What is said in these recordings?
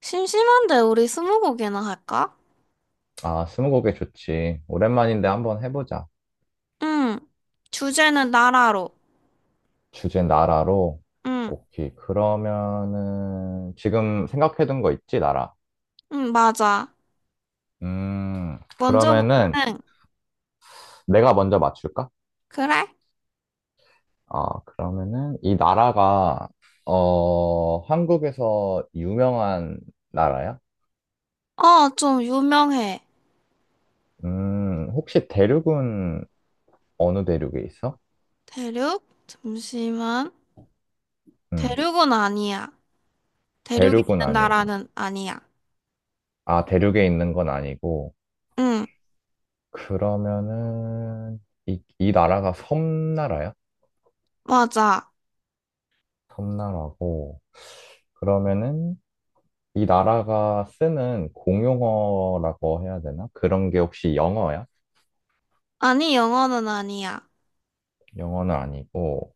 심심한데 우리 스무고개나 할까? 아, 스무고개 좋지. 오랜만인데 한번 해보자. 응. 주제는 나라로. 주제 나라로. 응. 오케이. 그러면은 지금 생각해둔 거 있지, 나라? 응, 맞아. 음, 먼저, 그러면은 응. 내가 먼저 맞출까? 그래? 아, 그러면은 이 나라가 어, 한국에서 유명한 나라야? 어, 좀 유명해. 혹시 대륙은 어느 대륙에 있어? 대륙? 잠시만. 음, 대륙은 아니야. 대륙에 대륙은 있는 아니고. 나라는 아니야. 아, 대륙에 있는 건 아니고. 응, 그러면은 이 나라가 섬나라야? 맞아. 섬나라고. 그러면은 이 나라가 쓰는 공용어라고 해야 되나? 그런 게 혹시 영어야? 아니, 영어는 아니야. 영어는 아니고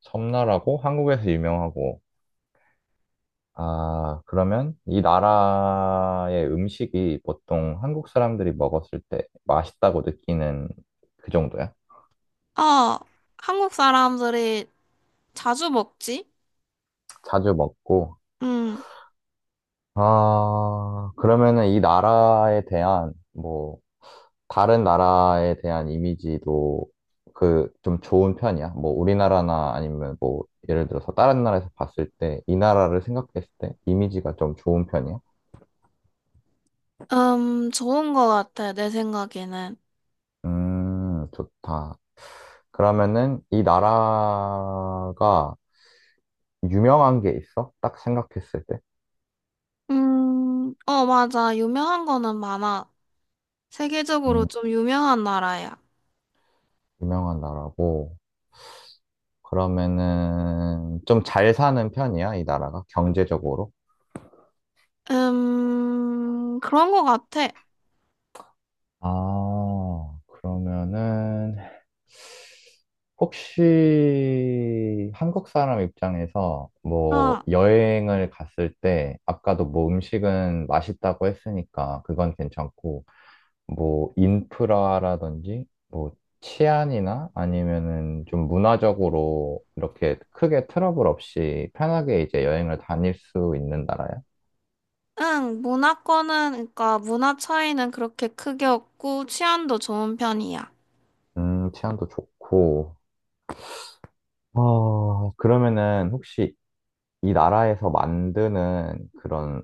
섬나라고 한국에서 유명하고. 아, 그러면 이 나라의 음식이 보통 한국 사람들이 먹었을 때 맛있다고 느끼는 그 정도야? 어, 한국 사람들이 자주 먹지? 자주 먹고. 응. 아, 그러면은 이 나라에 대한 뭐 다른 나라에 대한 이미지도 그 좀 좋은 편이야? 뭐 우리나라나 아니면 뭐 예를 들어서 다른 나라에서 봤을 때 이 나라를 생각했을 때 이미지가 좀 좋은 편이야? 좋은 거 같아, 내 생각에는. 좋다. 그러면은 이 나라가 유명한 게 있어? 딱 생각했을 때? 어, 맞아. 유명한 거는 많아. 세계적으로 음, 좀 유명한 나라야. 유명한 나라고. 그러면은 좀 잘 사는 편이야, 이 나라가 경제적으로? 그런 것 같아. 아, 그러면은 혹시 한국 사람 입장에서 뭐 아, 여행을 갔을 때 아까도 뭐 음식은 맛있다고 했으니까 그건 괜찮고 뭐 인프라라든지 뭐 치안이나 아니면은 좀 문화적으로 이렇게 크게 트러블 없이 편하게 이제 여행을 다닐 수 있는 나라야? 응, 문화권은, 그러니까 문화 차이는 그렇게 크게 없고 취안도 좋은 편이야. 치안도 좋고. 어, 그러면은 혹시 이 나라에서 만드는 그런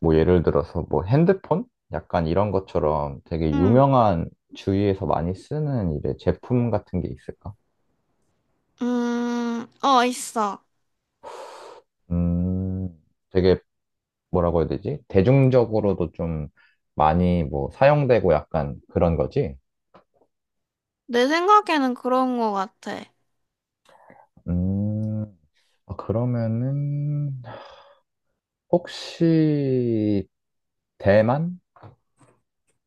뭐 예를 들어서 뭐 핸드폰? 약간 이런 것처럼 되게 응, 유명한 주위에서 많이 쓰는 이제 제품 같은 게 있을까? 어, 있어. 음, 되게 뭐라고 해야 되지? 대중적으로도 좀 많이 뭐 사용되고 약간 그런 거지? 내 생각에는 그런 것 같아. 음, 아, 그러면은 혹시 대만?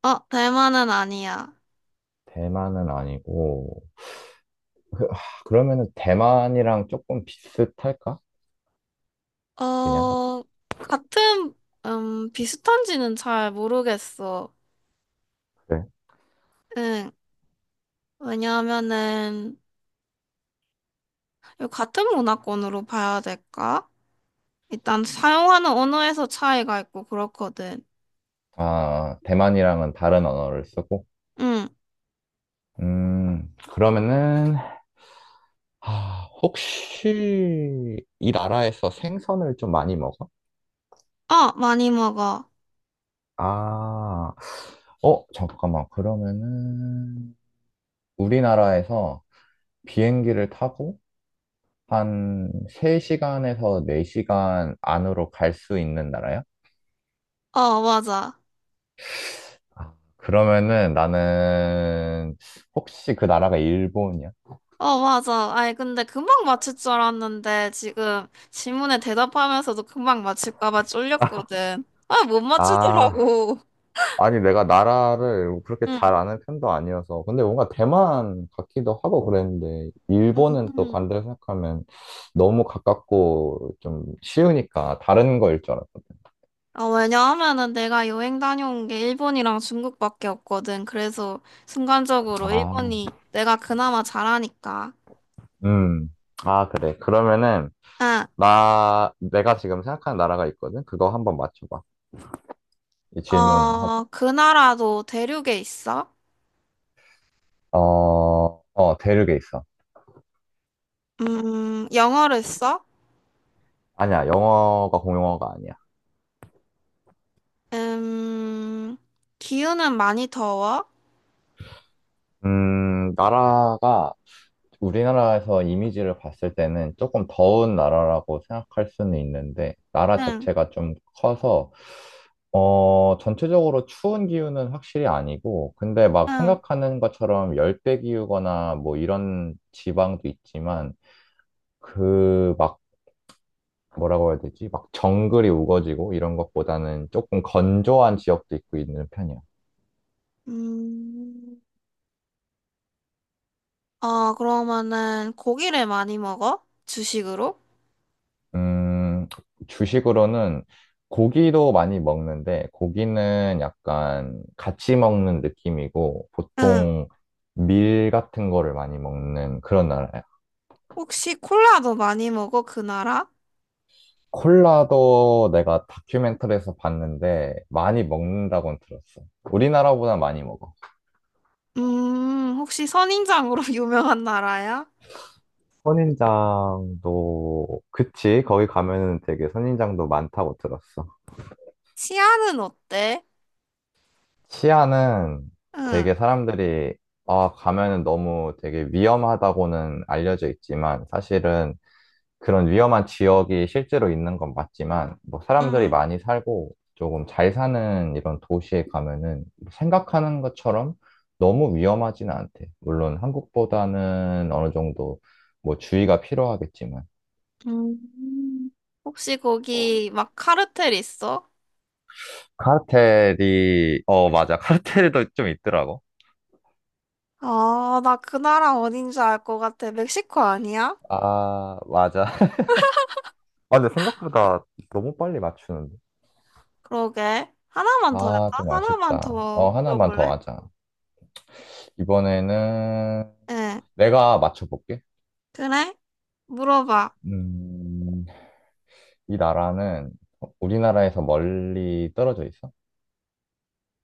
어, 대만은 아니야. 대만은 아니고 아, 그러면은 대만이랑 조금 비슷할까? 그냥 어, 같은, 비슷한지는 잘 모르겠어. 그래. 응, 왜냐하면은, 이거 같은 문화권으로 봐야 될까? 일단 사용하는 언어에서 차이가 있고 그렇거든. 아, 대만이랑은 다른 언어를 쓰고 응. 그러면은, 아, 혹시 이 나라에서 생선을 좀 많이 먹어? 어, 많이 먹어. 아, 어, 잠깐만. 그러면은, 우리나라에서 비행기를 타고 한 3시간에서 4시간 안으로 갈 수 있는 나라야? 어, 맞아. 그러면은 나는, 혹시 그 나라가 일본이야? 어, 맞아. 아이, 근데 금방 맞출 줄 알았는데 지금 질문에 대답하면서도 금방 맞출까 봐 쫄렸거든. 아, 못 아, 맞추더라고. 아니, 내가 나라를 그렇게 응. 잘 아는 편도 아니어서. 근데 뭔가 대만 같기도 하고 그랬는데, 일본은 또 음. 반대로 생각하면 너무 가깝고 좀 쉬우니까 다른 거일 줄 알았거 어, 왜냐하면은 내가 여행 다녀온 게 일본이랑 중국밖에 없거든. 그래서 순간적으로 아, 일본이 내가 그나마 잘하니까. 음. 아, 그래. 그러면은, 응. 내가 지금 생각하는 나라가 있거든? 그거 한번 맞춰봐. 이 질문. 어, 그 나라도 대륙에 있어? 어, 어, 대륙에 있어. 영어를 써? 아니야, 영어가 공용어가 아니야. 음, 기후는 많이 더워? 나라가 우리나라에서 이미지를 봤을 때는 조금 더운 나라라고 생각할 수는 있는데, 나라 응, 자체가 좀 커서, 어, 전체적으로 추운 기후는 확실히 아니고, 근데 막 응. 생각하는 것처럼 열대 기후거나 뭐 이런 지방도 있지만, 그 막 뭐라고 해야 되지? 막 정글이 우거지고 이런 것보다는 조금 건조한 지역도 있고 있는 편이야. 음, 어, 그러면은 고기를 많이 먹어? 주식으로? 음, 주식으로는 고기도 많이 먹는데, 고기는 약간 같이 먹는 느낌이고, 응. 보통 밀 같은 거를 많이 먹는 그런 나라야. 혹시 콜라도 많이 먹어? 그 나라? 콜라도 내가 다큐멘터리에서 봤는데, 많이 먹는다고는 들었어. 우리나라보다 많이 먹어. 혹시 선인장으로 유명한 나라야? 선인장도, 그치? 거기 가면은 되게 선인장도 많다고 들었어. 치안은 어때? 시아는 응, 되게 사람들이 아, 가면은 너무 되게 위험하다고는 알려져 있지만 사실은 그런 위험한 지역이 실제로 있는 건 맞지만 뭐 사람들이 응. 많이 살고 조금 잘 사는 이런 도시에 가면은 뭐 생각하는 것처럼 너무 위험하진 않대. 물론 한국보다는 어느 정도 뭐 주의가 필요하겠지만 음, 혹시 거기 막 카르텔 있어? 카르텔이 어 맞아 카르텔도 좀 있더라고. 아, 나 그 나라 어딘지 알 것 같아. 멕시코 아니야? 아, 맞아. 아, 근데 생각보다 너무 빨리 맞추는데? 그러게. 하나만 더 아, 할까? 좀 하나만 아쉽다. 더 어, 하나만 더 물어볼래? 하자. 이번에는 예. 내가 맞춰볼게. 그래? 물어봐. 음, 이 나라는 우리나라에서 멀리 떨어져 있어?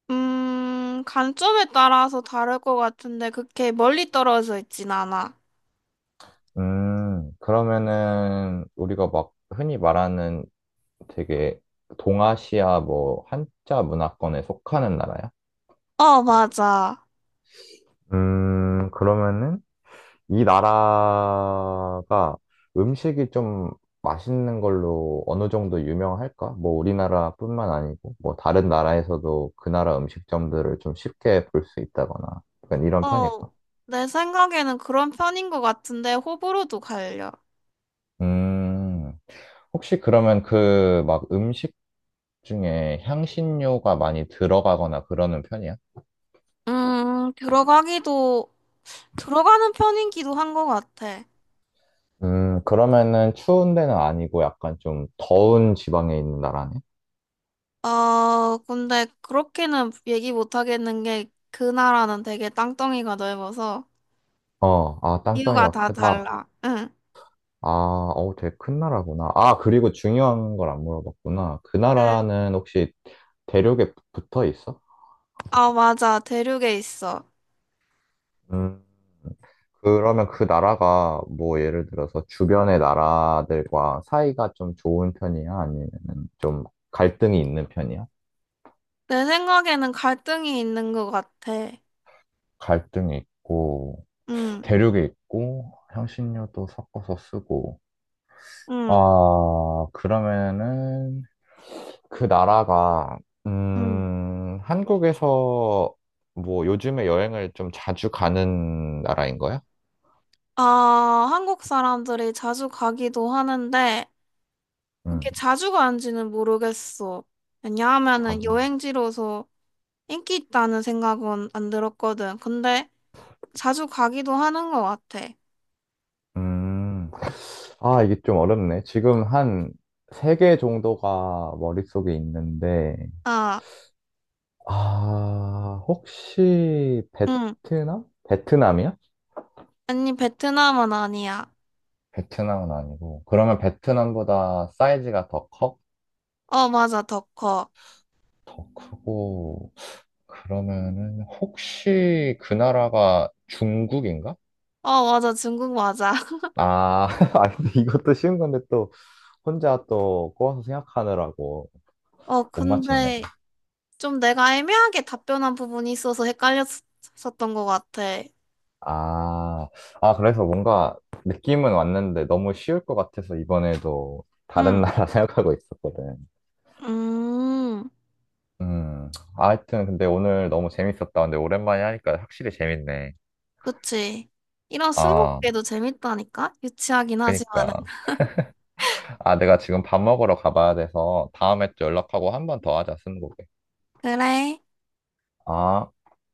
관점에 따라서 다를 것 같은데 그렇게 멀리 떨어져 있진 않아. 그러면은 우리가 막 흔히 말하는 되게 동아시아 뭐 한자 문화권에 속하는 나라야? 어, 맞아. 그러면은 이 나라가 음식이 좀 맛있는 걸로 어느 정도 유명할까? 뭐 우리나라뿐만 아니고 뭐 다른 나라에서도 그 나라 음식점들을 좀 쉽게 볼 수 있다거나 약간 이런 편일까? 어, 내 생각에는 그런 편인 것 같은데 호불호도 갈려. 음, 혹시 그러면 그 막 음식 중에 향신료가 많이 들어가거나 그러는 편이야? 음, 들어가기도, 들어가는 편이기도 한 것 같아. 그러면은 추운 데는 아니고 약간 좀 더운 지방에 있는 나라네? 어, 근데 그렇게는 얘기 못 하겠는 게 그 나라는 되게 땅덩이가 넓어서. 어, 아, 이유가 땅덩이가 다 크다. 달라. 응. 아, 어, 되게 큰 나라구나. 아, 그리고 중요한 걸 안 물어봤구나. 그 응. 나라는 혹시 대륙에 붙어 있어? 아, 맞아. 대륙에 있어. 음, 그러면 그 나라가 뭐 예를 들어서 주변의 나라들과 사이가 좀 좋은 편이야? 아니면 좀 갈등이 있는 편이야? 내 생각에는 갈등이 있는 것 같아. 갈등이 있고, 응, 대륙에 있고, 향신료도 섞어서 쓰고. 응, 아, 그러면은 그 나라가 응. 한국에서 뭐 요즘에 여행을 좀 자주 가는 나라인 거야? 아, 한국 사람들이 자주 가기도 하는데, 그렇게 음, 자주 가는지는 모르겠어. 왜냐하면은 자주. 여행지로서 인기 있다는 생각은 안 들었거든. 근데 자주 가기도 하는 것 같아. 음. 아, 이게 좀 어렵네. 지금 한 세 개 정도가 머릿속에 있는데 아, 아, 혹시 응. 베트남? 베트남이야? 아니, 베트남은 아니야. 베트남은 아니고. 그러면 베트남보다 사이즈가 더 커? 어, 맞아. 더 커. 더 크고, 그러면은, 혹시 그 나라가 중국인가? 어, 맞아. 중국 맞아. 아, 아, 근데 이것도 쉬운 건데 또 혼자 또 꼬아서 생각하느라고 어, 못 맞췄네. 근데 좀 내가 애매하게 답변한 부분이 있어서 헷갈렸었던 것 같아. 아, 아, 그래서 뭔가 느낌은 왔는데 너무 쉬울 것 같아서 이번에도 다른 응, 나라 생각하고 있었거든. 음, 음, 아, 하여튼 근데 오늘 너무 재밌었다. 근데 오랜만에 하니까 확실히 재밌네. 그치. 이런 아, 스무고개도 재밌다니까? 유치하긴 하지만은. 그니까. 아, 내가 지금 밥 먹으러 가봐야 돼서 다음에 또 연락하고 한 번 더 하자, 스무고개. 그래. 아,